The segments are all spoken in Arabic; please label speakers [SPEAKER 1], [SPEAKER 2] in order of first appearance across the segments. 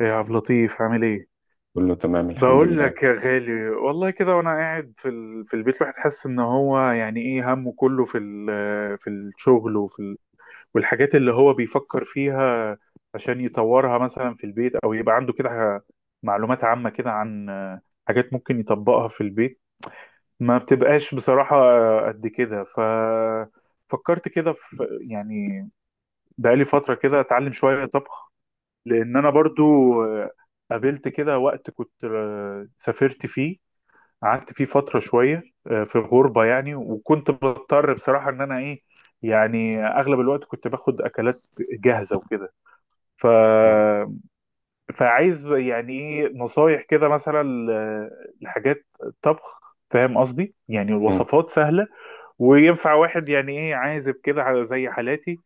[SPEAKER 1] يا عبد اللطيف عامل ايه؟
[SPEAKER 2] كله تمام، الحمد
[SPEAKER 1] بقول
[SPEAKER 2] لله.
[SPEAKER 1] لك يا غالي والله كده، وانا قاعد في في البيت الواحد حاسس ان هو يعني ايه، همه كله في الشغل، والحاجات اللي هو بيفكر فيها عشان يطورها مثلا في البيت، او يبقى عنده كده معلومات عامة كده عن حاجات ممكن يطبقها في البيت. ما بتبقاش بصراحة قد كده، فكرت كده في، يعني، بقالي فترة كده اتعلم شوية طبخ. لان انا برضو آه، قابلت كده وقت كنت سافرت فيه، قعدت فيه فترة شوية في الغربة يعني، وكنت بضطر بصراحة ان انا ايه، يعني اغلب الوقت كنت باخد اكلات جاهزة وكده. ف... فعايز يعني ايه نصايح كده مثلا لحاجات طبخ، فاهم قصدي؟ يعني
[SPEAKER 2] مم.
[SPEAKER 1] الوصفات سهلة وينفع واحد يعني ايه عازب كده، زي حالاتي،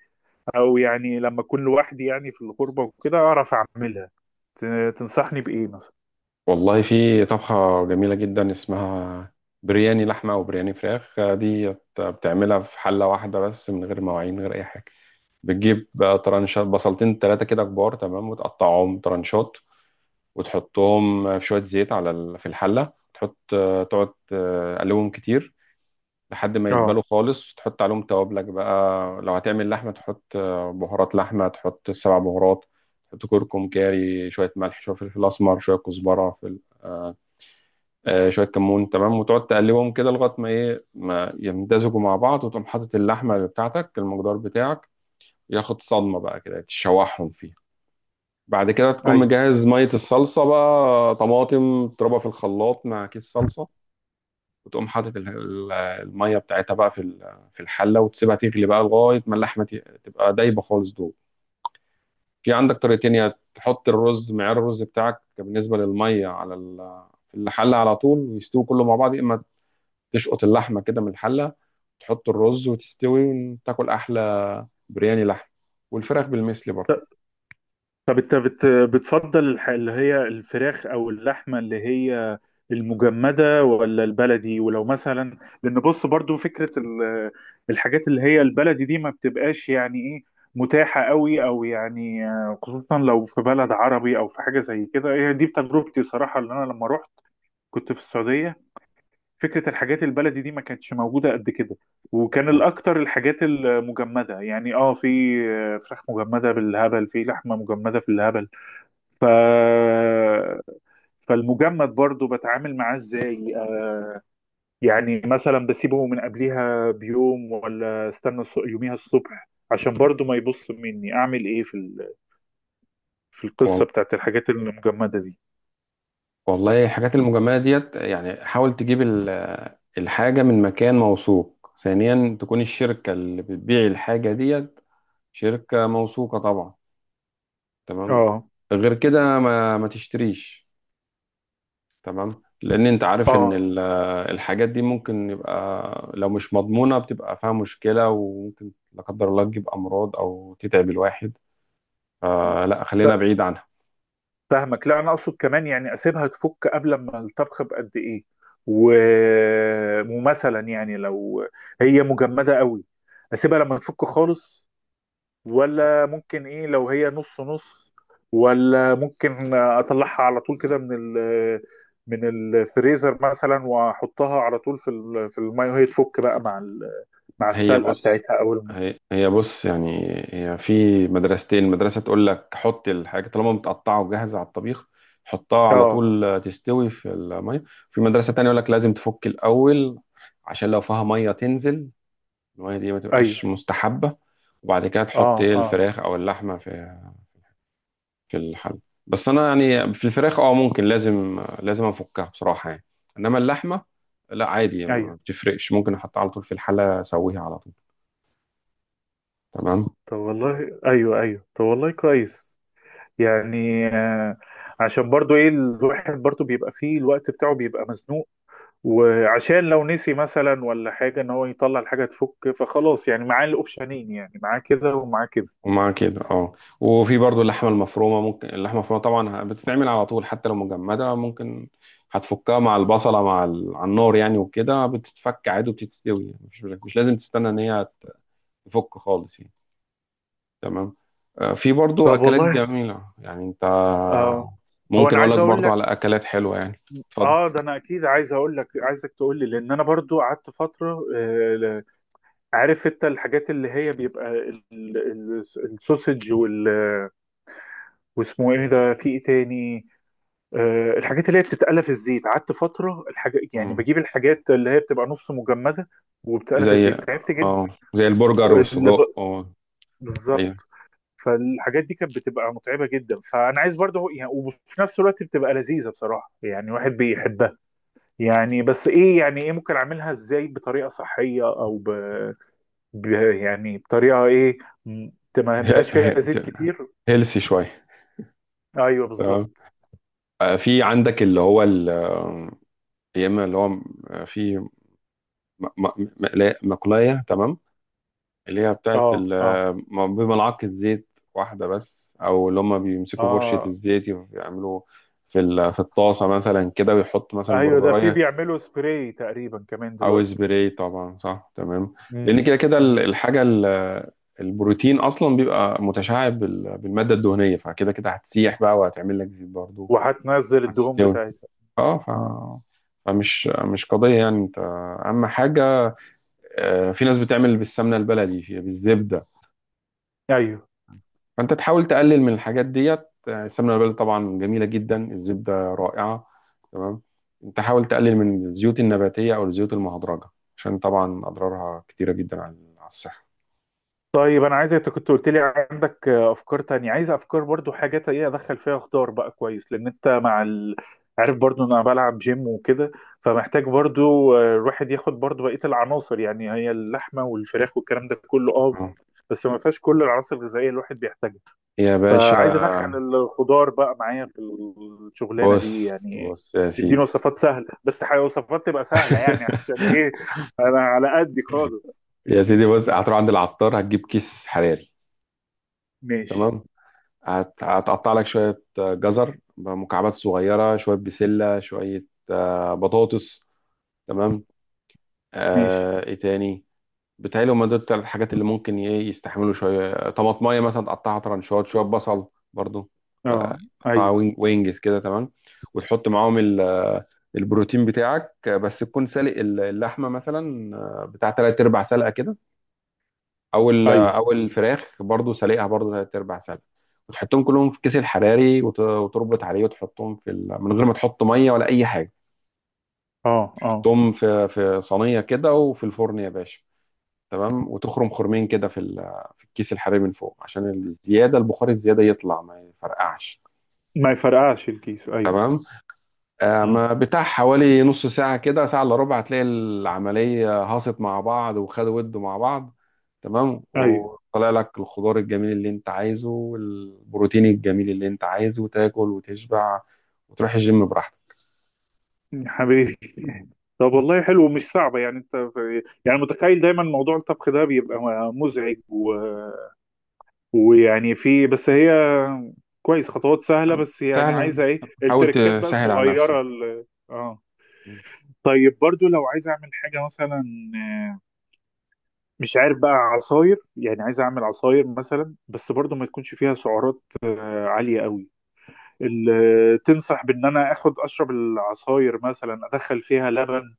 [SPEAKER 1] او يعني لما اكون لوحدي يعني في الغربه وكده اعرف اعملها. تنصحني بايه مثلا؟
[SPEAKER 2] والله، في طبخة جميلة جدا اسمها برياني لحمة وبرياني فراخ. دي بتعملها في حلة واحدة بس، من غير مواعين، من غير أي حاجة. بتجيب طرنشات، بصلتين تلاتة كده كبار. تمام. وتقطعهم طرنشات وتحطهم في شوية زيت على في الحلة. تحط تقعد تقلبهم كتير لحد ما يدبلوا
[SPEAKER 1] اه.
[SPEAKER 2] خالص. تحط عليهم توابلك بقى. لو هتعمل لحمة، تحط بهارات لحمة، تحط سبع بهارات. تحط كركم، كاري، شوية ملح، شوية فلفل أسمر، شوية كزبرة، آه شوية كمون. تمام. وتقعد تقلبهم كده لغاية ما إيه، ما يمتزجوا مع بعض، وتقوم حاطط اللحمة بتاعتك، المقدار بتاعك، ياخد صدمة بقى كده، تشوحهم فيها. بعد كده تكون
[SPEAKER 1] ايوه.
[SPEAKER 2] مجهز مية الصلصة بقى، طماطم تضربها في الخلاط مع كيس صلصة. وتقوم حاطط الميه بتاعتها بقى في في الحله، وتسيبها تغلي بقى لغايه ما اللحمه تبقى دايبه خالص. دول في عندك طريقتين، يا تحط الرز، معيار الرز بتاعك بالنسبه للميه، على في الحله على طول ويستوي كله مع بعض، يا اما تشقط اللحمه كده من الحله، تحط الرز وتستوي وتاكل احلى برياني لحم. والفراخ بالمثل برضه.
[SPEAKER 1] طب انت بتفضل اللي هي الفراخ او اللحمه، اللي هي المجمده ولا البلدي؟ ولو مثلا، لان بص، برضو فكره الحاجات اللي هي البلدي دي ما بتبقاش يعني ايه متاحه قوي، او يعني خصوصا لو في بلد عربي او في حاجه زي كده. هي دي بتجربتي بصراحه، اللي انا لما رحت كنت في السعوديه، فكرة الحاجات البلدي دي ما كانتش موجودة قد كده، وكان الأكتر الحاجات المجمدة، يعني اه، في فراخ مجمدة بالهبل، في لحمة مجمدة في الهبل. ف... فالمجمد برضو بتعامل معاه ازاي يعني مثلا بسيبه من قبليها بيوم، ولا استنى يوميها الصبح؟ عشان برضو ما يبص مني اعمل ايه في
[SPEAKER 2] مم.
[SPEAKER 1] القصة بتاعت الحاجات المجمدة دي.
[SPEAKER 2] والله، الحاجات المجمعة ديت يعني، حاول تجيب الحاجة من مكان موثوق. ثانيا، تكون الشركة اللي بتبيع الحاجة ديت شركة موثوقة طبعا. تمام.
[SPEAKER 1] اه
[SPEAKER 2] غير كده ما تشتريش. تمام. لأن أنت عارف إن
[SPEAKER 1] اه.
[SPEAKER 2] الحاجات دي ممكن يبقى، لو مش مضمونة، بتبقى فيها مشكلة، وممكن لا قدر الله تجيب أمراض أو تتعب الواحد. فلا، خلينا بعيد عنها.
[SPEAKER 1] فاهمك، لا انا اقصد كمان يعني اسيبها تفك قبل ما الطبخ بقد ايه، و... ومثلا يعني لو هي مجمده قوي اسيبها لما تفك خالص، ولا ممكن ايه لو هي نص نص، ولا ممكن اطلعها على طول كده من الفريزر مثلا، واحطها على طول في الميه وهي تفك بقى مع
[SPEAKER 2] هي
[SPEAKER 1] السلقه
[SPEAKER 2] بص.
[SPEAKER 1] بتاعتها اول ما
[SPEAKER 2] هي بص يعني. هي في مدرستين، مدرسة تقول لك حط الحاجة طالما متقطعة وجاهزة على الطبيخ، حطها على
[SPEAKER 1] اه.
[SPEAKER 2] طول تستوي في المية. في مدرسة تانية يقول لك لازم تفك الأول، عشان لو فيها مية تنزل، المية دي ما
[SPEAKER 1] ايوه.
[SPEAKER 2] تبقاش مستحبة. وبعد كده
[SPEAKER 1] اه
[SPEAKER 2] تحط ايه،
[SPEAKER 1] اه.
[SPEAKER 2] الفراخ أو اللحمة في الحل. بس أنا يعني في الفراخ، اه، ممكن، لازم أفكها بصراحة يعني. إنما اللحمة لا، عادي ما
[SPEAKER 1] ايوه.
[SPEAKER 2] بتفرقش، ممكن أحطها على طول في الحلة أسويها على طول. تمام.
[SPEAKER 1] طب والله، ايوه ايوه. طب والله كويس، يعني عشان برضو ايه، الواحد برضو بيبقى فيه الوقت بتاعه بيبقى مزنوق، وعشان لو نسي مثلا ولا حاجة ان هو يطلع الحاجة تفك، فخلاص يعني معاه الاوبشنين، يعني معاه كده ومعاه كده.
[SPEAKER 2] ومع كده اه. وفي برضو اللحمة المفرومة، ممكن اللحمة المفرومة طبعا بتتعمل على طول، حتى لو مجمدة ممكن هتفكها مع البصلة، مع على النار يعني، وكده بتتفك عادي وبتتستوي، يعني مش لازم تستنى ان هي تفك خالص يعني. تمام. في برضو
[SPEAKER 1] طب
[SPEAKER 2] اكلات
[SPEAKER 1] والله.
[SPEAKER 2] جميلة، يعني انت
[SPEAKER 1] اه. هو
[SPEAKER 2] ممكن
[SPEAKER 1] انا
[SPEAKER 2] اقول
[SPEAKER 1] عايز
[SPEAKER 2] لك
[SPEAKER 1] اقول
[SPEAKER 2] برضو على
[SPEAKER 1] لك،
[SPEAKER 2] اكلات حلوة يعني. اتفضل.
[SPEAKER 1] اه ده انا اكيد عايز اقول لك، عايزك تقول لي، لان انا برضو قعدت فترة عارف انت الحاجات اللي هي بيبقى السوسج واسمه ايه ده، في ايه تاني، الحاجات اللي هي بتتقلى في الزيت، قعدت فترة الحاجة يعني
[SPEAKER 2] مم.
[SPEAKER 1] بجيب الحاجات اللي هي بتبقى نص مجمدة وبتتقلى في
[SPEAKER 2] زي
[SPEAKER 1] الزيت، تعبت جدا.
[SPEAKER 2] اه، زي البرجر
[SPEAKER 1] اللي ب...
[SPEAKER 2] والسجق اه. ايوه.
[SPEAKER 1] بالظبط. فالحاجات دي كانت بتبقى متعبة جدا، فأنا عايز برضه يعني، وفي نفس الوقت بتبقى لذيذة بصراحة، يعني واحد بيحبها يعني. بس إيه، يعني إيه ممكن أعملها إزاي بطريقة صحية، ب... يعني بطريقة إيه، م- ما بقاش فيها زيت كتير.
[SPEAKER 2] هيلسي شوية.
[SPEAKER 1] أيوه بالظبط.
[SPEAKER 2] تمام. في عندك اللي هو، يا اما اللي هو في مقلايه. تمام. اللي هي بتاعت
[SPEAKER 1] أه أه
[SPEAKER 2] بملعقه زيت واحده بس، او اللي هم بيمسكوا فرشه
[SPEAKER 1] أه.
[SPEAKER 2] الزيت، يعملوا في في الطاسه مثلا كده ويحط مثلا
[SPEAKER 1] أيوه، ده في
[SPEAKER 2] برجرايه.
[SPEAKER 1] بيعملوا سبراي تقريبا كمان
[SPEAKER 2] او
[SPEAKER 1] دلوقتي.
[SPEAKER 2] سبراي طبعا، صح. تمام.
[SPEAKER 1] مم.
[SPEAKER 2] لان كده كده
[SPEAKER 1] مم.
[SPEAKER 2] الحاجه البروتين اصلا بيبقى متشعب بالماده الدهنيه، فكده كده هتسيح بقى وهتعمل لك زيت برضه.
[SPEAKER 1] وهتنزل الدهون
[SPEAKER 2] هتستوي
[SPEAKER 1] بتاعتها.
[SPEAKER 2] اه.
[SPEAKER 1] اه.
[SPEAKER 2] فمش مش قضيه يعني انت. اهم حاجه، في ناس بتعمل بالسمنه البلدي، بالزبده.
[SPEAKER 1] ايوه.
[SPEAKER 2] فانت تحاول تقلل من الحاجات ديت. السمنه البلدي طبعا جميله جدا، الزبده رائعه. تمام. انت حاول تقلل من الزيوت النباتيه او الزيوت المهدرجه، عشان طبعا اضرارها كتيره جدا على الصحه.
[SPEAKER 1] طيب، انا عايز، انت كنت قلت لي عندك افكار تانية، عايز افكار برضو، حاجات ايه ادخل فيها خضار بقى. كويس، لان انت عارف برضو ان انا بلعب جيم وكده، فمحتاج برضو الواحد ياخد برضو بقية العناصر. يعني هي اللحمة والفراخ والكلام ده كله اه،
[SPEAKER 2] آه.
[SPEAKER 1] بس ما فيهاش كل العناصر الغذائية اللي الواحد بيحتاجها.
[SPEAKER 2] يا باشا،
[SPEAKER 1] فعايز ادخل الخضار بقى معايا في الشغلانه
[SPEAKER 2] بص.
[SPEAKER 1] دي يعني.
[SPEAKER 2] بص يا
[SPEAKER 1] اديني
[SPEAKER 2] سيدي.
[SPEAKER 1] وصفات سهله بس، وصفات تبقى سهله يعني عشان ايه، انا على قدي خالص.
[SPEAKER 2] يا سيدي
[SPEAKER 1] ماشي.
[SPEAKER 2] بص، هتروح عند العطار، هتجيب كيس حراري.
[SPEAKER 1] ماشي.
[SPEAKER 2] تمام. هتقطع لك شويه جزر بمكعبات صغيره، شويه بسله، شويه بطاطس. تمام.
[SPEAKER 1] ماشي.
[SPEAKER 2] آه، ايه تاني؟ بتهيألي هما دول التلات حاجات اللي ممكن ايه يستحملوا شوية طماطماية مثلا تقطعها ترنشات، شوية بصل برضو
[SPEAKER 1] اه.
[SPEAKER 2] تقطعها
[SPEAKER 1] ايوه
[SPEAKER 2] وينجز كده. تمام. وتحط معاهم البروتين بتاعك. بس تكون سالق اللحمة مثلا، بتاع تلات أرباع سلقة كده. أو ال-
[SPEAKER 1] ايوه.
[SPEAKER 2] أو الفراخ برضو سالقها برضو تلات أرباع سلقة. وتحطهم كلهم في كيس الحراري، وتربط عليه وتحطهم في من غير ما تحط مية ولا أي حاجة.
[SPEAKER 1] اه اه.
[SPEAKER 2] تحطهم في صينية كده وفي الفرن يا باشا. تمام. وتخرم خرمين كده في في الكيس الحراري من فوق، عشان الزياده، البخار الزياده يطلع، ما يفرقعش.
[SPEAKER 1] ما يفرقعش الكيس، ايوه.
[SPEAKER 2] تمام.
[SPEAKER 1] مم.
[SPEAKER 2] ما بتاع حوالي نص ساعه كده، ساعه الا ربع، هتلاقي العمليه هاصت مع بعض، وخدوا ودوا مع بعض. تمام.
[SPEAKER 1] ايوه.
[SPEAKER 2] وطلع لك الخضار الجميل اللي انت عايزه، والبروتين الجميل اللي انت عايزه، وتاكل وتشبع وتروح الجيم براحتك.
[SPEAKER 1] يا حبيبي، طب والله حلو، ومش صعبه، يعني انت يعني متخيل دايما موضوع الطبخ ده بيبقى مزعج، ويعني في بس هي، كويس، خطوات سهلة بس، يعني
[SPEAKER 2] سهلا.
[SPEAKER 1] عايزة ايه
[SPEAKER 2] حاول
[SPEAKER 1] التركات بقى
[SPEAKER 2] تسهل على نفسك.
[SPEAKER 1] الصغيرة اه. طيب، برضو لو عايز اعمل حاجة مثلا، مش عارف بقى عصاير، يعني عايز اعمل عصاير مثلا، بس برضو ما تكونش فيها سعرات عالية قوي. تنصح بان انا اخد اشرب العصاير، مثلا ادخل فيها لبن،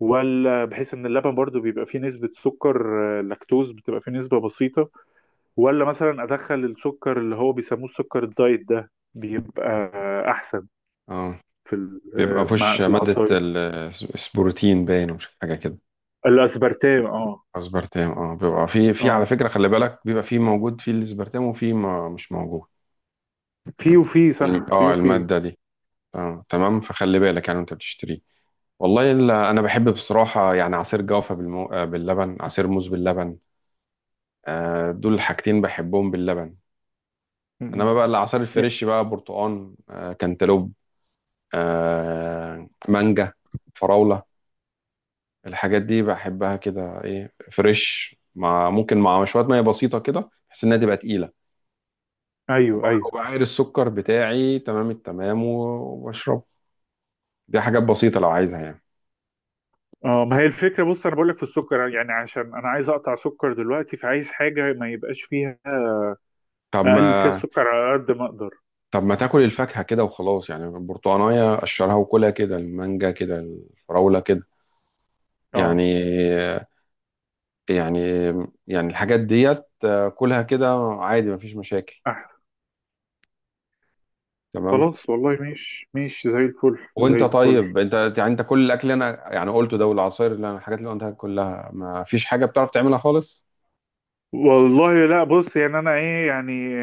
[SPEAKER 1] ولا بحيث ان اللبن برضو بيبقى فيه نسبة سكر لاكتوز، بتبقى فيه نسبة بسيطة؟ ولا مثلا ادخل السكر اللي هو بيسموه السكر الدايت ده، بيبقى احسن
[SPEAKER 2] اه.
[SPEAKER 1] في ال-
[SPEAKER 2] بيبقى
[SPEAKER 1] آه، مع
[SPEAKER 2] فيهوش
[SPEAKER 1] في
[SPEAKER 2] مادة
[SPEAKER 1] العصاير؟
[SPEAKER 2] البروتين، باين، ومش حاجة كده.
[SPEAKER 1] الاسبرتام، اه.
[SPEAKER 2] اسبرتام اه. بيبقى في، على
[SPEAKER 1] اه،
[SPEAKER 2] فكرة خلي بالك، بيبقى في موجود في الاسبرتام وفي ما مش موجود
[SPEAKER 1] في وفي، صح، في وفي
[SPEAKER 2] المادة دي. آه. تمام. فخلي بالك يعني وانت بتشتريه. والله انا بحب بصراحة يعني عصير جوافة بالمو... آه باللبن، عصير موز باللبن. آه، دول الحاجتين بحبهم باللبن. انما بقى
[SPEAKER 1] م.
[SPEAKER 2] العصير الفريش بقى، برتقان آه، كانتالوب آه، مانجا، فراولة. الحاجات دي بحبها كده ايه، فريش مع ممكن مع شوية مية بسيطة كده، بحيث انها تبقى تقيلة،
[SPEAKER 1] ايوه ايوه.
[SPEAKER 2] وبعاير السكر بتاعي تمام التمام، وبشربه. دي حاجات بسيطة لو عايزها يعني.
[SPEAKER 1] اه، ما هي الفكره، بص انا بقول لك في السكر، يعني عشان انا عايز اقطع سكر دلوقتي، فعايز حاجه ما يبقاش فيها،
[SPEAKER 2] طب
[SPEAKER 1] اقلل فيها
[SPEAKER 2] ما
[SPEAKER 1] السكر على قد ما اقدر.
[SPEAKER 2] طب ما تاكل الفاكهة كده وخلاص، يعني البرتقانية قشرها وكلها كده، المانجا كده، الفراولة كده يعني.
[SPEAKER 1] اه.
[SPEAKER 2] يعني يعني الحاجات ديت كلها كده عادي، مفيش مشاكل.
[SPEAKER 1] احسن.
[SPEAKER 2] تمام.
[SPEAKER 1] خلاص والله، مش زي الفل، زي
[SPEAKER 2] وانت
[SPEAKER 1] الفل.
[SPEAKER 2] طيب، انت يعني، انت كل الاكل اللي انا يعني قلته ده، والعصاير اللي انا الحاجات اللي قلتها كلها، ما فيش حاجة بتعرف تعملها خالص؟
[SPEAKER 1] والله لا، بص، يعني انا ايه يعني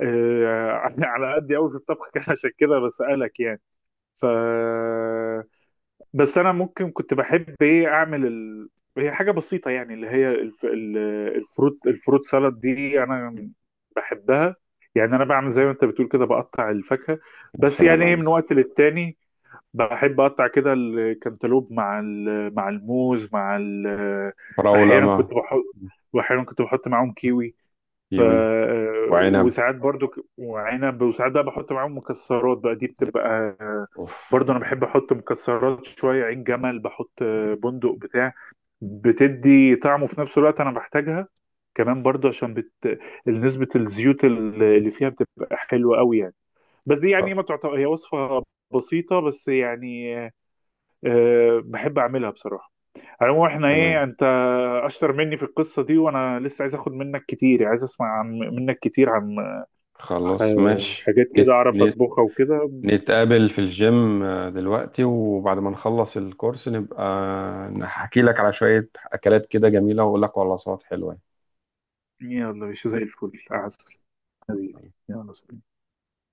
[SPEAKER 1] آه، على قد قوي في الطبخ كان عشان كده بسألك يعني. ف بس انا ممكن كنت بحب ايه اعمل هي حاجه بسيطه يعني، اللي هي الفروت سالاد دي، انا بحبها. يعني انا بعمل زي ما انت بتقول كده، بقطع الفاكهه
[SPEAKER 2] يا
[SPEAKER 1] بس،
[SPEAKER 2] سلام
[SPEAKER 1] يعني ايه،
[SPEAKER 2] عليك.
[SPEAKER 1] من وقت للتاني بحب اقطع كده الكنتالوب مع الموز
[SPEAKER 2] فراولة
[SPEAKER 1] احيانا كنت
[SPEAKER 2] ما.
[SPEAKER 1] بحط، واحيانا كنت بحط معاهم كيوي. ف
[SPEAKER 2] كيوي. وعنب.
[SPEAKER 1] وساعات برضو وعنب، وساعات بقى بحط معاهم مكسرات بقى، دي بتبقى
[SPEAKER 2] اوف.
[SPEAKER 1] برضو، انا بحب احط مكسرات شويه، عين جمل بحط، بندق، بتاع بتدي طعم، وفي نفس الوقت انا بحتاجها كمان برضو، عشان نسبه الزيوت اللي فيها بتبقى حلوه قوي يعني. بس دي يعني ما تعتبر هي وصفه بسيطه بس، يعني بحب اعملها بصراحه. على العموم احنا
[SPEAKER 2] تمام.
[SPEAKER 1] ايه، انت اشطر مني في القصه دي، وانا لسه عايز اخد منك كتير، عايز اسمع عن منك كتير عن ح-
[SPEAKER 2] خلاص ماشي.
[SPEAKER 1] حاجات كده أعرف أطبخها وكده.
[SPEAKER 2] نتقابل في الجيم، دلوقتي وبعد ما نخلص الكورس نبقى نحكي لك على شوية أكلات كده جميلة وأقول لك على وصفات حلوة
[SPEAKER 1] يلا، مش زي الفل، عسل حبيبي.
[SPEAKER 2] يعني.
[SPEAKER 1] يلا سلام.